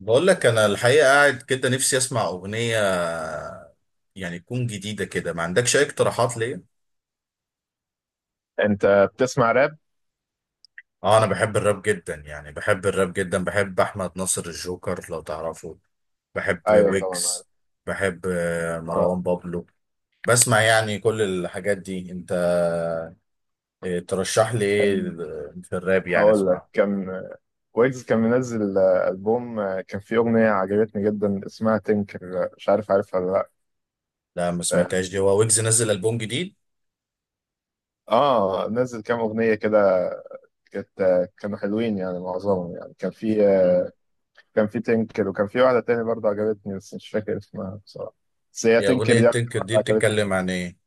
بقول لك انا الحقيقه قاعد كده، نفسي اسمع اغنيه يعني تكون جديده كده. ما عندكش اي اقتراحات ليا؟ انت بتسمع راب؟ اه، انا بحب الراب جدا، يعني بحب الراب جدا. بحب احمد ناصر الجوكر لو تعرفه. بحب ايوه، طبعا عارف. ويجز. بحب اه، مروان بابلو. بسمع يعني كل الحاجات دي. انت ترشح لي ايه كان في الراب يعني هقول لك. اسمع؟ ويجز كان منزل ألبوم. كان فيه أغنية عجبتني جدا اسمها تنكر، مش عارف عارفها ولا لأ. لا، ما آه. سمعتهاش دي. هو ويجز نزل البوم جديد؟ نزل كام أغنية كده. كانت كانوا حلوين يعني، معظمهم يعني. كان فيه مم. كان فيه تنكر، وكان فيه واحدة تانية برضه عجبتني بس مش فاكر اسمها بصراحة. بس هي دي تنكر اغنيه دي أكتر تنكر واحدة دي عجبتني. بتتكلم عن ايه؟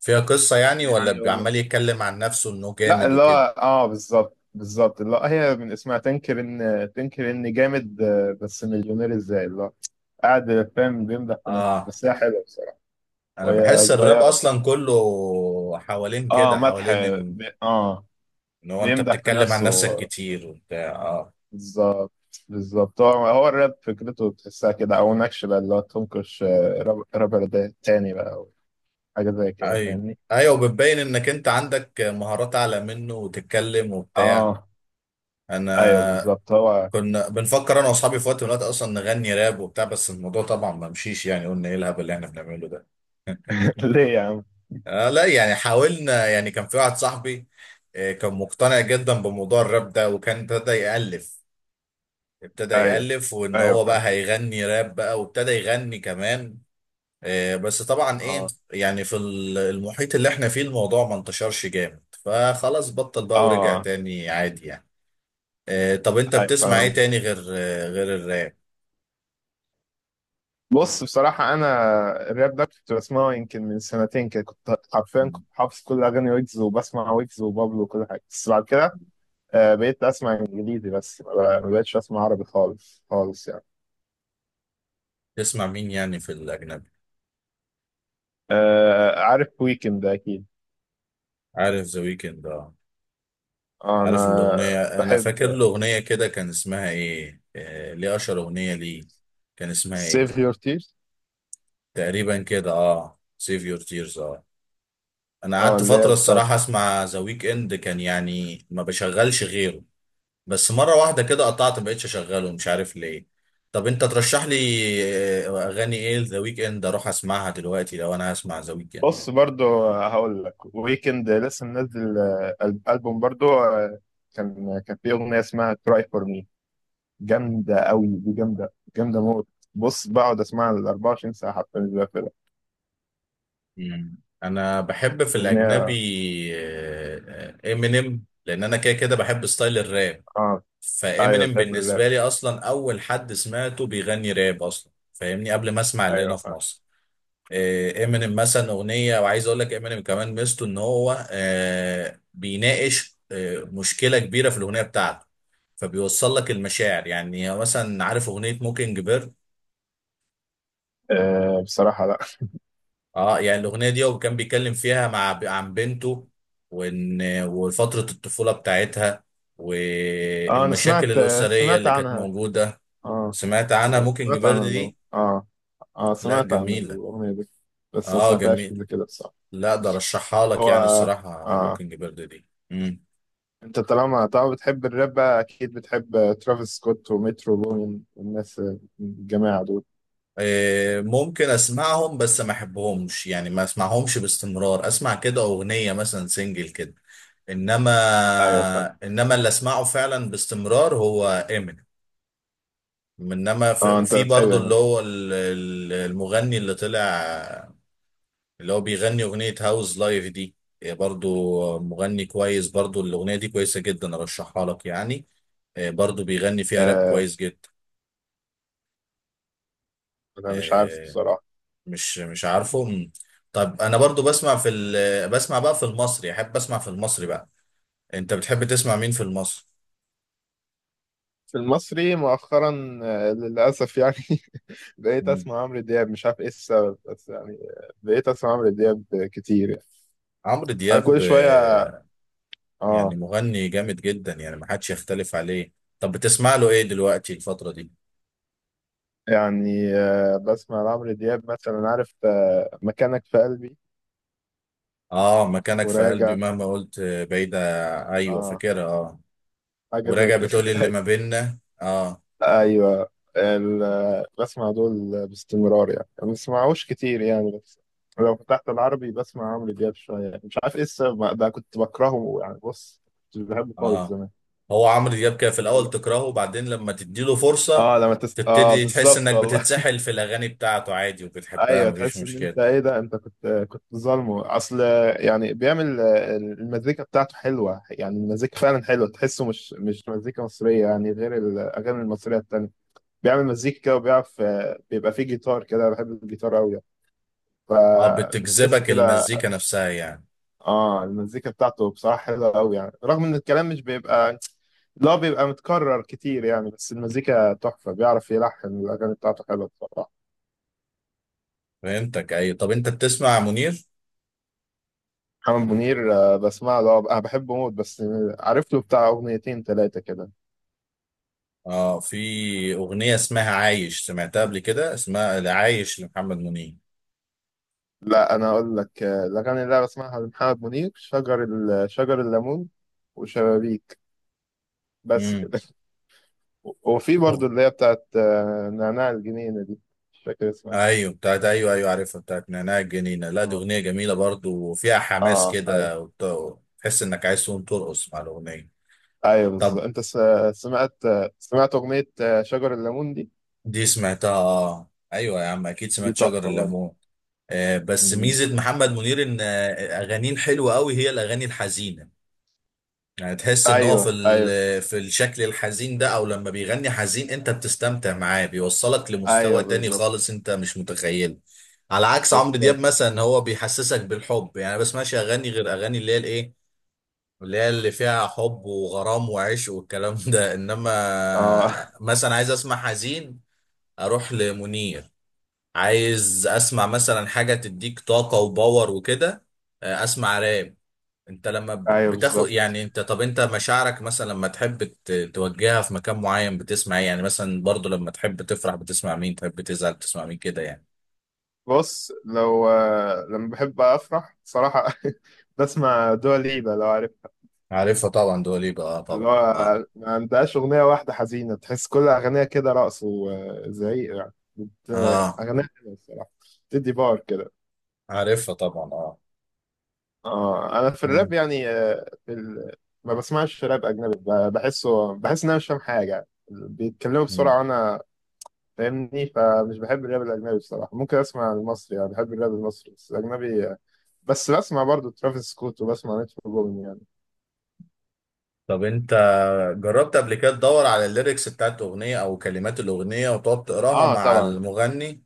فيها قصة يعني، ولا يعني بيبقى والله، عمال يتكلم عن نفسه انه لا، جامد اللي وكده؟ هو اه بالظبط بالظبط، اللي هو هي من اسمها تنكر، ان تنكر ان جامد بس مليونير ازاي، اللي هو قاعد فاهم بيمدح في نفسه، اه، بس هي حلوه بصراحه. انا وهي بحس الراب صغيره برضه. اصلا كله حوالين اه، كده، مدح. حوالين ان... اه، إن هو انت بيمدح في بتتكلم عن نفسه. نفسك كتير وبتاع، اه. بالظبط بالظبط. هو هو الراب فكرته تحسها كده، او نكش بقى اللي هو تنكش رابر ده تاني بقى، او حاجه زي كده، ايوه، فاهمني. ايوه، وبتبين انك انت عندك مهارات اعلى منه وتتكلم وبتاع. اه. ايوه انا بالظبط هو. كنا بنفكر انا واصحابي في وقت من الوقت اصلا نغني راب وبتاع، بس الموضوع طبعا ما مشيش. يعني قلنا ايه الهبل اللي احنا بنعمله ده. ليه يا عم؟ لا، يعني حاولنا. يعني كان في واحد صاحبي، كان مقتنع جدا بموضوع الراب ده، وكان ابتدى يألف. ابتدى ايوه يألف وان ايوه هو بقى فاهم. هيغني راب بقى، وابتدى يغني كمان. بس طبعا ايه. اه يعني في المحيط اللي احنا فيه الموضوع ما انتشرش جامد، فخلاص بطل بقى ورجع اه. تاني عادي يعني. طب انت ايوه بتسمع ايه فاهم. تاني غير غير الراب؟ بص، بصراحة أنا الراب ده كنت بسمعه يمكن من سنتين كده. كنت حرفيا كنت مم. حافظ كل أغاني ويجز، وبسمع ويجز وبابلو وكل حاجة. بس بعد كده بقيت أسمع إنجليزي بس، ما بقتش أسمع عربي خالص خالص يعني. تسمع مين يعني في الاجنبي؟ عارف ويكند أكيد. عارف ذا ويكند. أنا عارف الأغنية؟ أنا فاكر بحب الأغنية كده كان اسمها إيه، ليه أشهر أغنية ليه، كان اسمها إيه؟ سيف Your Tears. تقريبا كده أه، سيف يور تيرز أه. أنا اه، قعدت اللي هي فترة بتاعت. الصراحة أسمع ذا ويك إند، كان يعني ما بشغلش غيره. بس مرة واحدة كده قطعت، مبقتش أشغله، مش عارف ليه. طب أنت ترشح لي أغاني إيه ذا ويك إند أروح أسمعها دلوقتي لو أنا هسمع ذا ويك إند؟ بص، برضو هقول لك ويكند لسه منزل ألبوم برضو. كان فيه أغنية اسمها Cry For Me، جامدة أوي دي، جامدة جامدة موت. بص بقعد أسمعها ال 24 ساعة، حتى مش بقفلها مم. أنا بحب في الأجنبي أغنية. إمينيم، لأن أنا كده كده بحب ستايل الراب. آه. أيوه فامينيم تحب الراب. بالنسبه لي اصلا اول حد سمعته بيغني راب اصلا فاهمني، قبل ما اسمع اللي أيوه هنا في فاهم. مصر. إيه، امينيم مثلا اغنيه. وعايز اقول لك امينيم كمان ميزته ان هو بيناقش مشكله كبيره في الاغنيه بتاعته. فبيوصل لك المشاعر. يعني مثلا عارف اغنيه موكينج بيرد؟ آه بصراحة لأ. اه، يعني الاغنيه دي هو كان بيتكلم فيها مع عن بنته، وان... وفتره الطفوله بتاعتها، آه أنا والمشاكل سمعت، الاسريه سمعت اللي كانت عنها. موجوده. آه سمعت عنها أيوه، موكينج سمعت بيرد عن دي؟ آه، آه، لا، سمعت عن جميلة. الأغنية دي، بس ما اه، سمعتهاش جميل. قبل كده بصراحة. لا، ده رشحها لك هو، يعني الصراحة آه، موكينج بيرد دي. مم. أنت طالما طالما بتحب الراب بقى، أكيد بتحب ترافيس سكوت ومترو بومين والناس، الجماعة دول. إيه، ممكن اسمعهم بس ما احبهمش يعني، ما اسمعهمش باستمرار. اسمع كده اغنية مثلا سنجل كده. انما... أيوه فاهم. انما اللي اسمعه فعلا باستمرار هو امينيم. انما آه أنت وفي بتحب برضو اللي يعني. هو المغني اللي طلع، اللي هو بيغني اغنية هاوز لايف دي. برضو مغني كويس، برضو الاغنية دي كويسة جدا ارشحها لك يعني. برضو بيغني فيها راب آه كويس جدا. أنا مش عارف آه، بصراحة. مش عارفه طب انا برضو بسمع في بسمع بقى في المصري، احب اسمع في المصري بقى. انت بتحب تسمع مين في المصري؟ في المصري مؤخرا للأسف يعني بقيت مم. أسمع عمرو دياب، مش عارف إيه السبب، بس يعني بقيت أسمع عمرو دياب كتير يعني. عمرو أنا دياب، كل شوية. يعني آه. مغني جامد جدا، يعني ما حدش يختلف عليه. طب بتسمع له ايه دلوقتي الفترة دي؟ يعني بسمع عمرو دياب مثلا، عارف مكانك في قلبي، اه، مكانك في قلبي وراجع. مهما قلت بعيدة. ايوه آه. فاكرها اه. حاجة زي وراجع بتقول اللي كده. ما بيننا، اه، أيوه. بسمع دول باستمرار يعني، ما بسمعوش كتير يعني، بس لو فتحت العربي بسمع عمرو دياب شوية. مش عارف إيه السبب بقى، كنت بكرهه يعني. بص، مش بحبه خالص اه. زمان. هو عمرو دياب كان في الاول والله. تكرهه، وبعدين لما تديله فرصة اه، اه تبتدي تحس بالظبط انك والله. بتتسحل في الاغاني بتاعته عادي وبتحبها، ايوه، مفيش تحس ان انت مشكلة. ايه ده، انت كنت ظالمه اصل. يعني بيعمل المزيكا بتاعته حلوه، يعني المزيكا فعلا حلوه، تحسه مش مزيكا مصريه يعني، غير الاغاني المصريه التانيه. بيعمل مزيكا كده، وبيعرف بيبقى فيه جيتار كده. بحب الجيتار قوي يعني. اه، فبتحس بتجذبك كده. المزيكا نفسها يعني. اه، المزيكا بتاعته بصراحه حلوه قوي يعني، رغم ان الكلام مش بيبقى، لا، بيبقى متكرر كتير يعني. بس المزيكا تحفه، بيعرف يلحن، الاغاني بتاعته حلوه بصراحه. فهمتك اي. طب انت بتسمع منير؟ محمد منير بسمع له، انا بحبه موت، بس عارف له بتاع اغنيتين ثلاثه كده. اه، في اغنية اسمها عايش، سمعتها قبل كده، اسمها عايش لمحمد منير. لا انا اقول لك الاغاني اللي انا بسمعها لمحمد منير، شجر الليمون، وشبابيك، بس امم. كده. وفي برضو اللي هي بتاعت نعناع الجنينه دي، مش فاكر اسمها. ايوه بتاعت، ايوه، ايوه عارفها بتاعت نعناع الجنينه. لا، دي اه. اغنيه جميله برضو، وفيها حماس ايوه كده، تحس انك عايز تقوم ترقص مع الاغنيه. ايوه بالظبط. طب سمعت سمعت اغنيه شجر الليمون دي؟ دي سمعتها اه، ايوه يا عم اكيد دي سمعت شجر تحفه برضه. الليمون. آه، بس مم. ميزه محمد منير ان اغانيه الحلوه قوي هي الاغاني الحزينه. يعني تحس ان هو ايوه في ايوه في الشكل الحزين ده، او لما بيغني حزين انت بتستمتع معاه، بيوصلك ايوه لمستوى تاني بالظبط خالص انت مش متخيله. على عكس عمرو دياب بالظبط. مثلا، هو بيحسسك بالحب، يعني ما بسمعش اغاني غير اغاني اللي هي الايه، اللي هي اللي فيها حب وغرام وعشق والكلام ده. اه. انما مثلا عايز اسمع حزين، اروح لمنير. عايز اسمع مثلا حاجة تديك طاقة وباور وكده، اسمع راب. انت لما ايوه بتاخد بالظبط. يعني انت، طب انت مشاعرك مثلا لما تحب توجهها في مكان معين بتسمع ايه يعني؟ مثلا برضو لما تحب تفرح بتسمع مين، تحب تزعل بتسمع مين كده يعني؟ بص، لو لما بحب افرح بصراحة بسمع دوا ليبا، لو عارفها. عارفها طبعا، دواليبا اه، اللي طبعا، اه. هو ما عندهاش أغنية واحدة حزينة، تحس كل أغانيها كده رقص وزعيق يعني، اه، أغانيها حلوة الصراحة، تدي باور كده. عارفها طبعا، اه. اه. أنا في الراب مم. يعني ما بسمعش راب أجنبي، بحسه، بحس إن أنا مش فاهم حاجة يعني. بيتكلموا مم. بسرعة وأنا فاهمني، فمش بحب الراب الأجنبي بصراحة. ممكن أسمع المصري يعني، بحب الراب المصري بس. الأجنبي بس بسمع برضو ترافيس سكوت وبسمع مترو بومين يعني. طب انت جربت قبل كده تدور على الليركس بتاعت اغنية او كلمات الاغنية وتقعد تقراها اه مع طبعا. المغني؟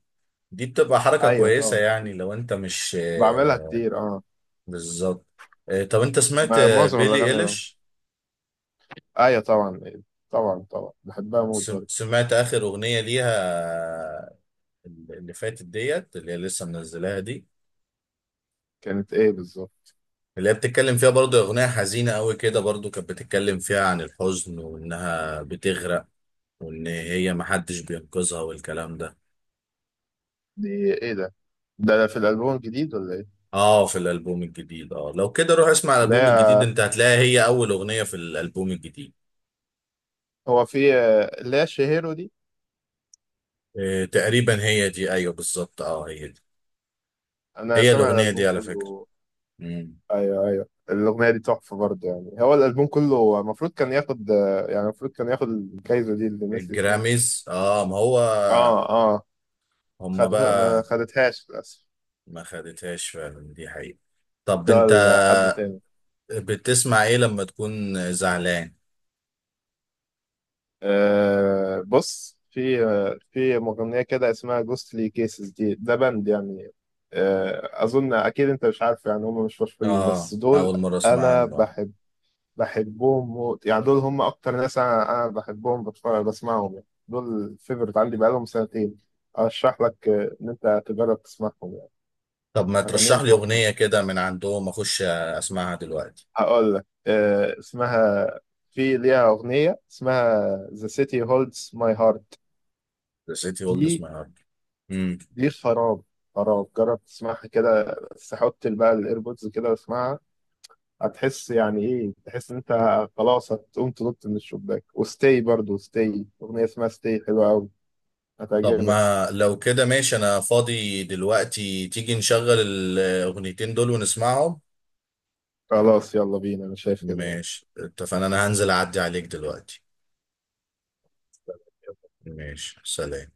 دي بتبقى حركة ايوه كويسة طبعا يعني، كتير. لو انت مش بعملها كتير اه. بالظبط. طب انت سمعت معظم بيلي الاغاني بقى. ايليش؟ ايوه طبعا إيه. طبعا طبعا بحبها موت برضه. سمعت آخر أغنية ليها، اللي فاتت ديت اللي هي لسه منزلاها دي؟ كانت ايه بالظبط؟ اللي هي بتتكلم فيها برضو أغنية حزينة قوي كده، برضو كانت بتتكلم فيها عن الحزن وإنها بتغرق، وإن هي محدش بينقذها والكلام ده. دي ايه ده؟ ده في الالبوم الجديد ولا ايه؟ اه، في الألبوم الجديد اه، لو كده روح اسمع الألبوم الجديد لا، انت هتلاقيها، هي أول أغنية في الألبوم الجديد. هو في لا شهيرو دي؟ إيه تقريبا هي دي، أيوه بالظبط اه هي دي. انا هي سامع الأغنية دي الالبوم على فكرة. كله. مم. ايوه ايوه، الاغنيه دي تحفه برضه يعني. هو الالبوم كله المفروض كان ياخد يعني المفروض كان ياخد الجايزه دي اللي الناس اسمها. الجراميز، اه، ما هو. اه اه. هما خدته، ما بقى. خدتهاش للاسف، ما خدتهاش فعلا، دي حقيقة. طب ده انت لحد تاني. بتسمع ايه لما تكون زعلان؟ أه بص، في في مغنية كده اسمها جوستلي كيسز دي، ده باند يعني. أه أظن أكيد أنت مش عارف يعني، هم مش مشهورين اه، بس دول. اول مرة اسمع أنا عنه آه. بحب، بحبهم موت يعني، دول هم أكتر ناس أنا بحبهم، بتفرج بسمعهم يعني، دول الفيفورت عندي بقالهم سنتين. أرشح لك إن أنت تجرب تسمعهم يعني. طب ما أغانيهم ترشح لي تحفة. اغنية كده من عندهم اخش اسمعها دلوقتي. هقول لك أه اسمها، في ليها أغنية اسمها The City Holds My Heart. The City دي، Holds My Heart. امم. دي خراب، خراب. جرب تسمعها كده، بس حط بقى الايربودز كده واسمعها، هتحس يعني ايه، تحس ان انت خلاص هتقوم تنط من الشباك. وستي برضو، ستي اغنيه اسمها ستي حلوه قوي، طب هتعجبك. ما لو كده ماشي، انا فاضي دلوقتي تيجي نشغل الاغنيتين دول ونسمعهم. خلاص يلا بينا، انا شايف كده برضه. ماشي اتفقنا. انا هنزل اعدي عليك دلوقتي. ماشي، سلام.